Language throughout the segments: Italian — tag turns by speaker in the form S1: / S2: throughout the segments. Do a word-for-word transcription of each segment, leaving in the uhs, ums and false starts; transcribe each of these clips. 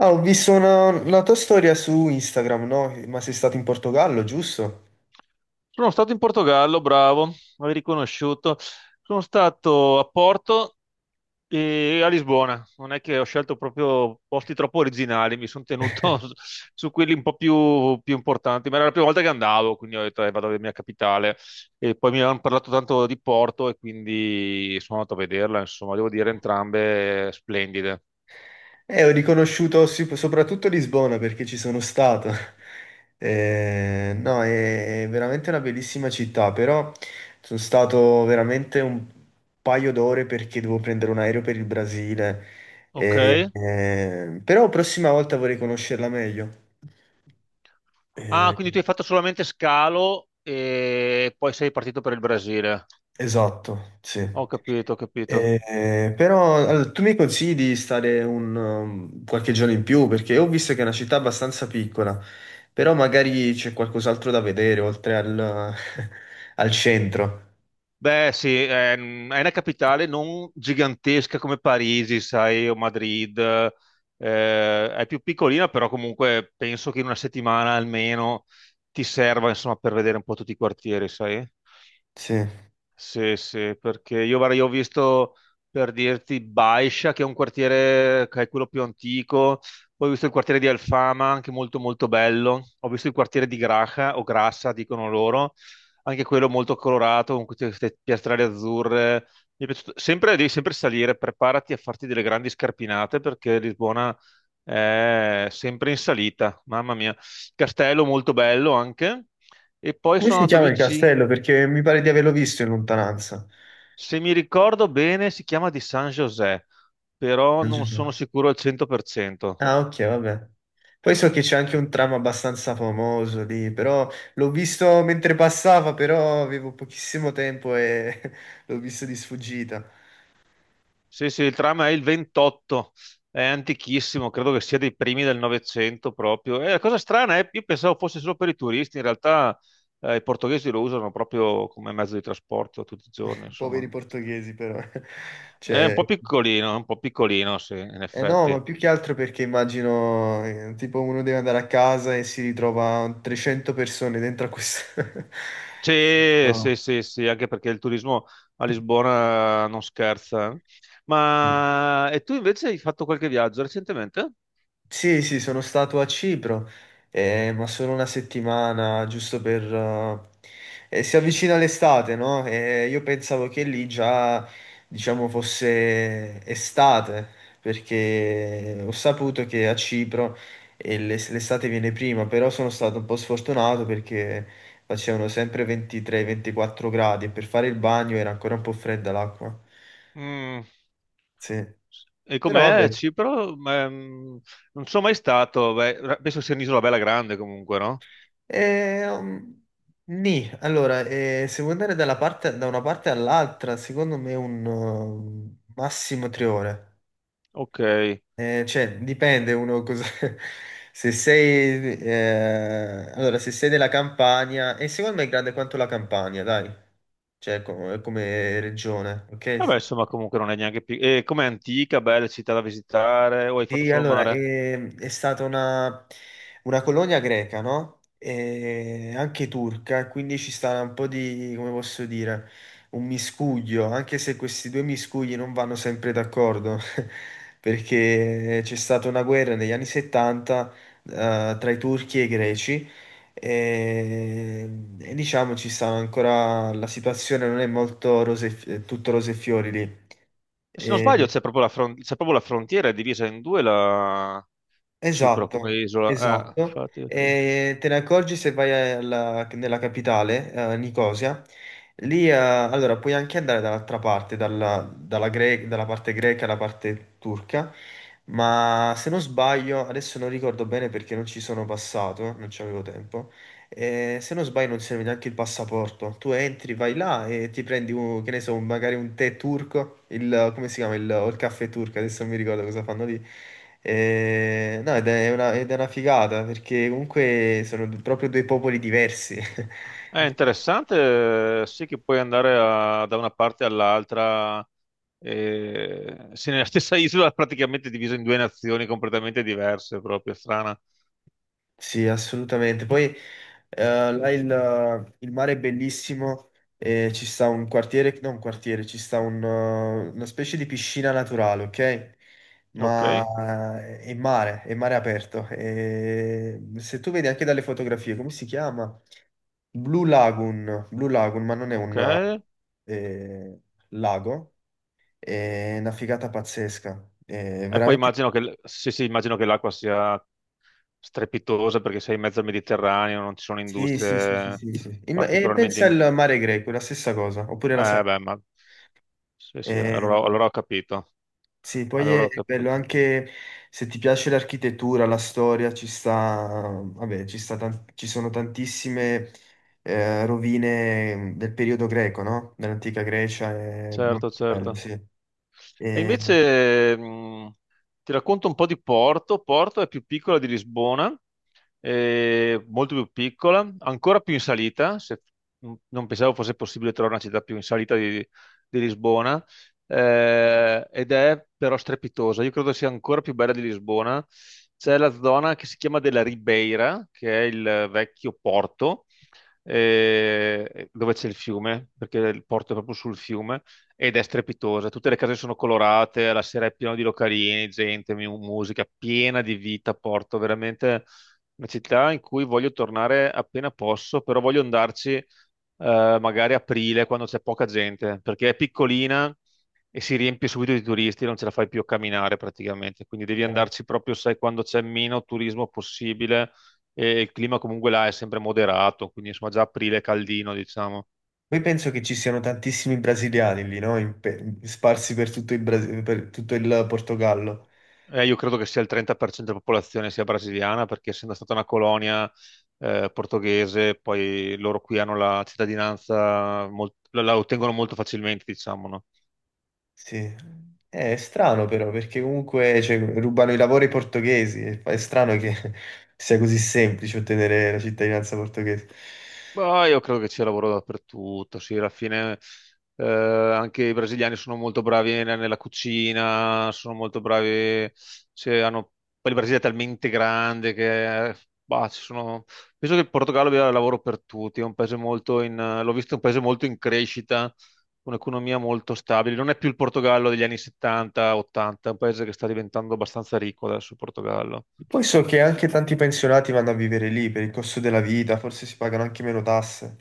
S1: Ah, ho visto una, una tua storia su Instagram, no? Ma sei stato in Portogallo, giusto?
S2: Sono stato in Portogallo, bravo, avevi riconosciuto. Sono stato a Porto e a Lisbona. Non è che ho scelto proprio posti troppo originali, mi sono tenuto su su quelli un po' più, più importanti, ma era la prima volta che andavo, quindi ho detto, "Eh, vado alla mia capitale. E poi mi hanno parlato tanto di Porto e quindi sono andato a vederla, insomma, devo dire entrambe splendide."
S1: Eh, ho riconosciuto si- soprattutto Lisbona perché ci sono stato. Eh, no, è, è veramente una bellissima città, però sono stato veramente un paio d'ore perché devo prendere un aereo per il Brasile.
S2: Ok.
S1: Eh, eh, però prossima volta vorrei conoscerla meglio.
S2: Ah,
S1: Eh,
S2: quindi tu hai fatto solamente scalo e poi sei partito per il Brasile.
S1: Esatto, sì. Mm.
S2: Ho capito, ho capito.
S1: Eh, però allora, tu mi consigli di stare un, um, qualche giorno in più perché ho visto che è una città abbastanza piccola, però magari c'è qualcos'altro da vedere oltre al, al centro.
S2: Beh, sì, è, è una capitale non gigantesca come Parigi, sai, o Madrid, eh, è più piccolina, però comunque penso che in una settimana almeno ti serva, insomma, per vedere un po' tutti i quartieri, sai?
S1: Sì.
S2: Sì, sì, perché io, guarda, io ho visto per dirti Baiscia, che è un quartiere che è quello più antico, poi ho visto il quartiere di Alfama, anche molto molto bello, ho visto il quartiere di Graja o Grassa, dicono loro, anche quello molto colorato, con queste queste piastrelle azzurre. Mi è piaciuto. Sempre, devi sempre salire, preparati a farti delle grandi scarpinate perché Lisbona è sempre in salita, mamma mia. Castello molto bello anche. E poi
S1: Come
S2: sono
S1: si
S2: andato
S1: chiama il
S2: vicino.
S1: castello? Perché mi pare di averlo visto in lontananza.
S2: Se mi ricordo bene, si chiama di San José, però
S1: San
S2: non
S1: Giuseppe.
S2: sono sicuro al cento per cento.
S1: Ah, ok, vabbè. Poi so che c'è anche un tram abbastanza famoso lì, però l'ho visto mentre passava, però avevo pochissimo tempo e l'ho visto di sfuggita.
S2: Sì, sì, il tram è il ventotto, è antichissimo, credo che sia dei primi del Novecento proprio. E la cosa strana è, io pensavo fosse solo per i turisti, in realtà eh, i portoghesi lo usano proprio come mezzo di trasporto tutti i giorni,
S1: Poveri
S2: insomma.
S1: portoghesi, però.
S2: È un
S1: Cioè,
S2: po' piccolino, è un po' piccolino, sì, in
S1: eh no,
S2: effetti.
S1: ma più che altro perché immagino, eh, tipo, uno deve andare a casa e si ritrova trecento persone dentro a questo...
S2: Sì, sì, sì, sì, anche perché il turismo a Lisbona non scherza. eh.
S1: No.
S2: Ma e tu invece hai fatto qualche viaggio recentemente?
S1: Sì, sì, sono stato a Cipro, eh, ma solo una settimana, giusto per... eh, eh, si avvicina l'estate, no? E io pensavo che lì già, diciamo, fosse estate, perché ho saputo che a Cipro eh, l'es- l'estate viene prima, però sono stato un po' sfortunato perché facevano sempre ventitré ventiquattro gradi e per fare il bagno era ancora un po' fredda l'acqua.
S2: Mm.
S1: Sì.
S2: E
S1: Però
S2: com'è
S1: vabbè.
S2: Cipro? Ehm, non sono mai stato, beh, ra- penso sia un'isola bella grande comunque, no?
S1: Eh, um, Nì. Allora, eh, se vuoi andare dalla parte- da una parte all'altra, secondo me un um, massimo tre ore.
S2: Ok.
S1: Eh, cioè, dipende uno cosa... Se sei... eh, allora, se sei della Campania... E secondo me è grande quanto la Campania, dai. Cioè, co- come regione,
S2: Vabbè,
S1: ok?
S2: insomma, comunque non è neanche piccola. E com'è antica, bella città da visitare, o hai fatto
S1: Sì,
S2: solo
S1: allora,
S2: mare?
S1: ehm, è stata una, una colonia greca, no? E anche turca, e quindi ci sta un po' di, come posso dire, un miscuglio, anche se questi due miscugli non vanno sempre d'accordo, perché c'è stata una guerra negli anni settanta, eh, tra i turchi e i greci, e, e diciamo ci stanno ancora, la situazione non è molto rose, eh, tutto rose e fiori lì.
S2: Se non sbaglio
S1: E-
S2: c'è proprio la, fron- c'è proprio la frontiera, è divisa in due la Cipro come
S1: Esatto,
S2: isola. Eh,
S1: esatto.
S2: infatti, ok.
S1: E te ne accorgi se vai alla- nella capitale, eh, Nicosia. Lì, eh, allora, puoi anche andare dall'altra parte, dalla, dalla gre- dalla parte greca alla parte turca, ma se non sbaglio, adesso non ricordo bene perché non ci sono passato, non ci avevo tempo, eh, se non sbaglio non serve neanche il passaporto. Tu entri, vai là e ti prendi, un, che ne so, un- magari un tè turco, il, come si chiama, il, o il caffè turco, adesso non mi ricordo cosa fanno lì. Eh, no, ed è una, ed è una figata perché comunque sono d- proprio due popoli diversi.
S2: È interessante, eh, sì, che puoi andare a- da una parte all'altra, eh, se nella stessa isola praticamente divisa in due nazioni completamente diverse, proprio strana.
S1: Sì, assolutamente. Poi eh, là il, il mare è bellissimo e ci sta un quartiere, non un quartiere, ci sta un, eh, una specie di piscina naturale, ok?
S2: Ok,
S1: Ma eh, è mare, è mare aperto. E se tu vedi anche dalle fotografie, come si chiama? Blue Lagoon, Blue Lagoon, ma non è
S2: ok.
S1: un eh, lago, è una figata pazzesca. È
S2: E poi
S1: veramente.
S2: immagino che, l- sì, sì, immagino che l'acqua sia strepitosa perché sei in mezzo al Mediterraneo, non ci sono
S1: Sì, sì, sì, sì,
S2: industrie
S1: sì, sì. Imma- E
S2: particolarmente.
S1: pensa
S2: in-
S1: al mare greco, è la stessa cosa, oppure la
S2: Eh,
S1: sai.
S2: beh, ma. Sì, sì, allora
S1: Eh,
S2: allora ho capito,
S1: sì, poi
S2: allora
S1: è
S2: ho
S1: è bello
S2: capito.
S1: anche se ti piace l'architettura, la storia, ci sta, vabbè, ci sta tan- ci sono tantissime eh, rovine del periodo greco, no? Dell'antica Grecia, è
S2: Certo,
S1: molto bello,
S2: certo.
S1: sì.
S2: E
S1: E,
S2: invece mh, ti racconto un po' di Porto. Porto è più piccola di Lisbona, eh, molto più piccola, ancora più in salita. se- mh, non pensavo fosse possibile trovare una città più in salita di, di Lisbona, eh, ed è però strepitosa. Io credo sia ancora più bella di Lisbona. C'è la zona che si chiama della Ribeira, che è il vecchio porto, eh, dove c'è il fiume, perché il porto è proprio sul fiume ed è strepitosa. Tutte le case sono colorate, la sera è piena di localini, gente, mu- musica, piena di vita. Porto veramente una città in cui voglio tornare appena posso, però voglio andarci eh, magari aprile quando c'è poca gente, perché è piccolina e si riempie subito di turisti, non ce la fai più a camminare praticamente. Quindi devi
S1: eh,
S2: andarci proprio, sai, quando c'è meno turismo possibile. E il clima comunque là è sempre moderato, quindi insomma già aprile è caldino, diciamo.
S1: poi penso che ci siano tantissimi brasiliani lì, no? In pe- sparsi per tutto il Brasi- per tutto il Portogallo.
S2: Eh, io credo che sia il trenta per cento della popolazione sia brasiliana, perché essendo stata una colonia eh, portoghese, poi loro qui hanno la cittadinanza, molt- la, la ottengono molto facilmente, diciamo, no?
S1: Sì, Eh, è strano però perché comunque cioè, rubano i lavori ai portoghesi, è è strano che sia così semplice ottenere la cittadinanza portoghese.
S2: Ma io credo che c'è lavoro dappertutto, sì, alla fine eh, anche i brasiliani sono molto bravi ne- nella cucina, sono molto bravi, cioè, hanno- poi il Brasile è talmente grande che eh, bah, ci sono- penso che il Portogallo abbia lavoro per tutti, è un paese molto in, l'ho visto, è un paese molto in crescita, un'economia molto stabile, non è più il Portogallo degli anni settanta ottanta, è un paese che sta diventando abbastanza ricco adesso il Portogallo.
S1: Poi so che anche tanti pensionati vanno a vivere lì per il costo della vita, forse si pagano anche meno tasse.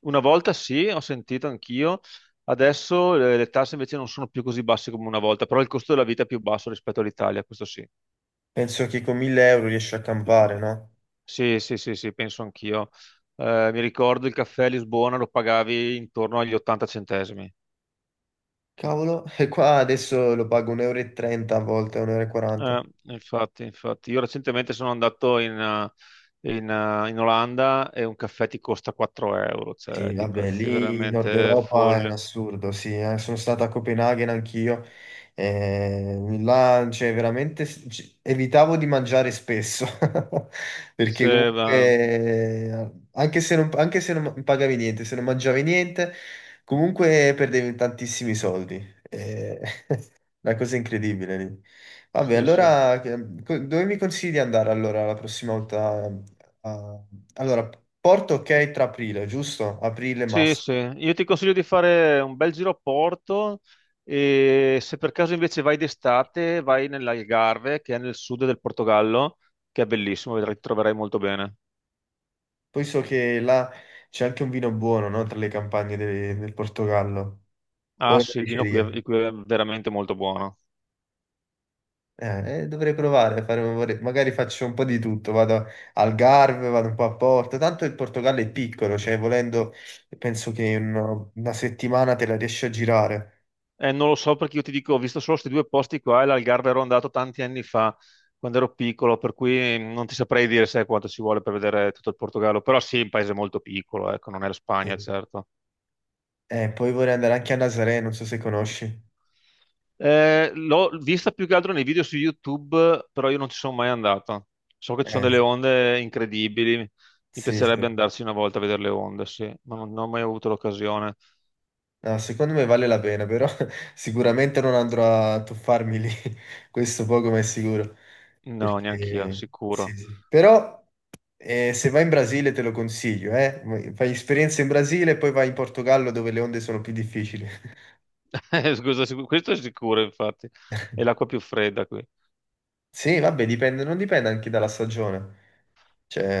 S2: Una volta sì, ho sentito anch'io. Adesso eh, le tasse invece non sono più così basse come una volta, però il costo della vita è più basso rispetto all'Italia, questo sì.
S1: Penso che con mille euro riesci a campare, no?
S2: Sì, sì, sì, sì, penso anch'io. Eh, mi ricordo il caffè a Lisbona lo pagavi intorno agli ottanta centesimi.
S1: Cavolo, e qua adesso lo pago un euro e trenta e trenta a volte, un euro e quaranta e
S2: Eh,
S1: quaranta.
S2: infatti, infatti. Io recentemente sono andato in, eh, in, eh, in Olanda e un caffè ti costa quattro euro, cioè
S1: Sì,
S2: di
S1: vabbè,
S2: prezzi
S1: lì in Nord
S2: veramente
S1: Europa è un
S2: folli.
S1: assurdo, sì, eh. Sono stato a Copenaghen anch'io, eh, là, cioè, veramente s- c- evitavo di mangiare spesso, perché
S2: Sì,
S1: comunque,
S2: va.
S1: eh, anche se non, anche se non ma- pagavi niente, se non mangiavi niente, comunque perdevi tantissimi soldi. eh. Una cosa incredibile lì. Vabbè,
S2: Sì, sì.
S1: allora, che- co- dove mi consigli di andare allora la prossima volta? Ah, allora, Porto ok tra aprile, giusto? Aprile
S2: Sì,
S1: massimo.
S2: sì, io ti consiglio di fare un bel giro a Porto e se per caso invece vai d'estate, vai nell'Algarve, che è nel sud del Portogallo, che è bellissimo, vedrai, ti troverai molto bene.
S1: Poi so che là c'è anche un vino buono, no? Tra le campagne de- del Portogallo. O
S2: Ah
S1: una
S2: sì, il vino qui
S1: diceria.
S2: è, qui è veramente molto buono.
S1: Eh, eh, dovrei provare, fare- vorrei- magari faccio un po' di tutto, vado al Garve, vado un po' a Porto, tanto il Portogallo è piccolo, cioè volendo penso che in una settimana te la riesci a girare.
S2: Eh, non lo so perché io ti dico, ho visto solo questi due posti qua e l'Algarve ero andato tanti anni fa, quando ero piccolo, per cui non ti saprei dire sai quanto ci vuole per vedere tutto il Portogallo, però sì, è un paese molto piccolo, ecco, non è la Spagna,
S1: Sì.
S2: certo.
S1: Eh, poi vorrei andare anche a Nazaré, non so se conosci.
S2: Eh, l'ho vista più che altro nei video su YouTube, però io non ci sono mai andato. So che ci sono
S1: Eh,
S2: delle onde incredibili. Mi
S1: sì, sì.
S2: piacerebbe andarci una volta a vedere le onde, sì, ma non, non ho mai avuto l'occasione.
S1: No, secondo me vale la pena, però sicuramente non andrò a tuffarmi lì, questo poco ma è sicuro.
S2: No, neanch'io,
S1: Perché... Sì,
S2: sicuro.
S1: sì. Però eh, se vai in Brasile te lo consiglio, eh. Fai esperienza in Brasile e poi vai in Portogallo dove le onde sono più difficili.
S2: Eh, scusa, sicu- questo è sicuro, infatti. È l'acqua più fredda qui.
S1: Sì, vabbè, dipende, non dipende anche dalla stagione.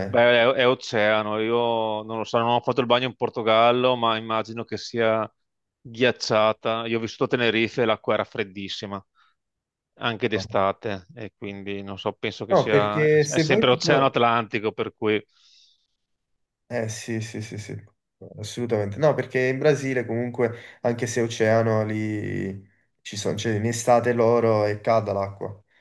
S2: Beh, è, è oceano. Io non lo so, non ho fatto il bagno in Portogallo, ma immagino che sia ghiacciata. Io ho vissuto a Tenerife e l'acqua era freddissima. anche d'estate e quindi non so, penso che
S1: No,
S2: sia
S1: perché
S2: è
S1: se vai
S2: sempre l'Oceano
S1: tipo...
S2: Atlantico, per cui
S1: Eh sì, sì, sì, sì, assolutamente. No, perché in Brasile comunque, anche se è oceano, lì ci sono, cioè in estate loro e calda l'acqua.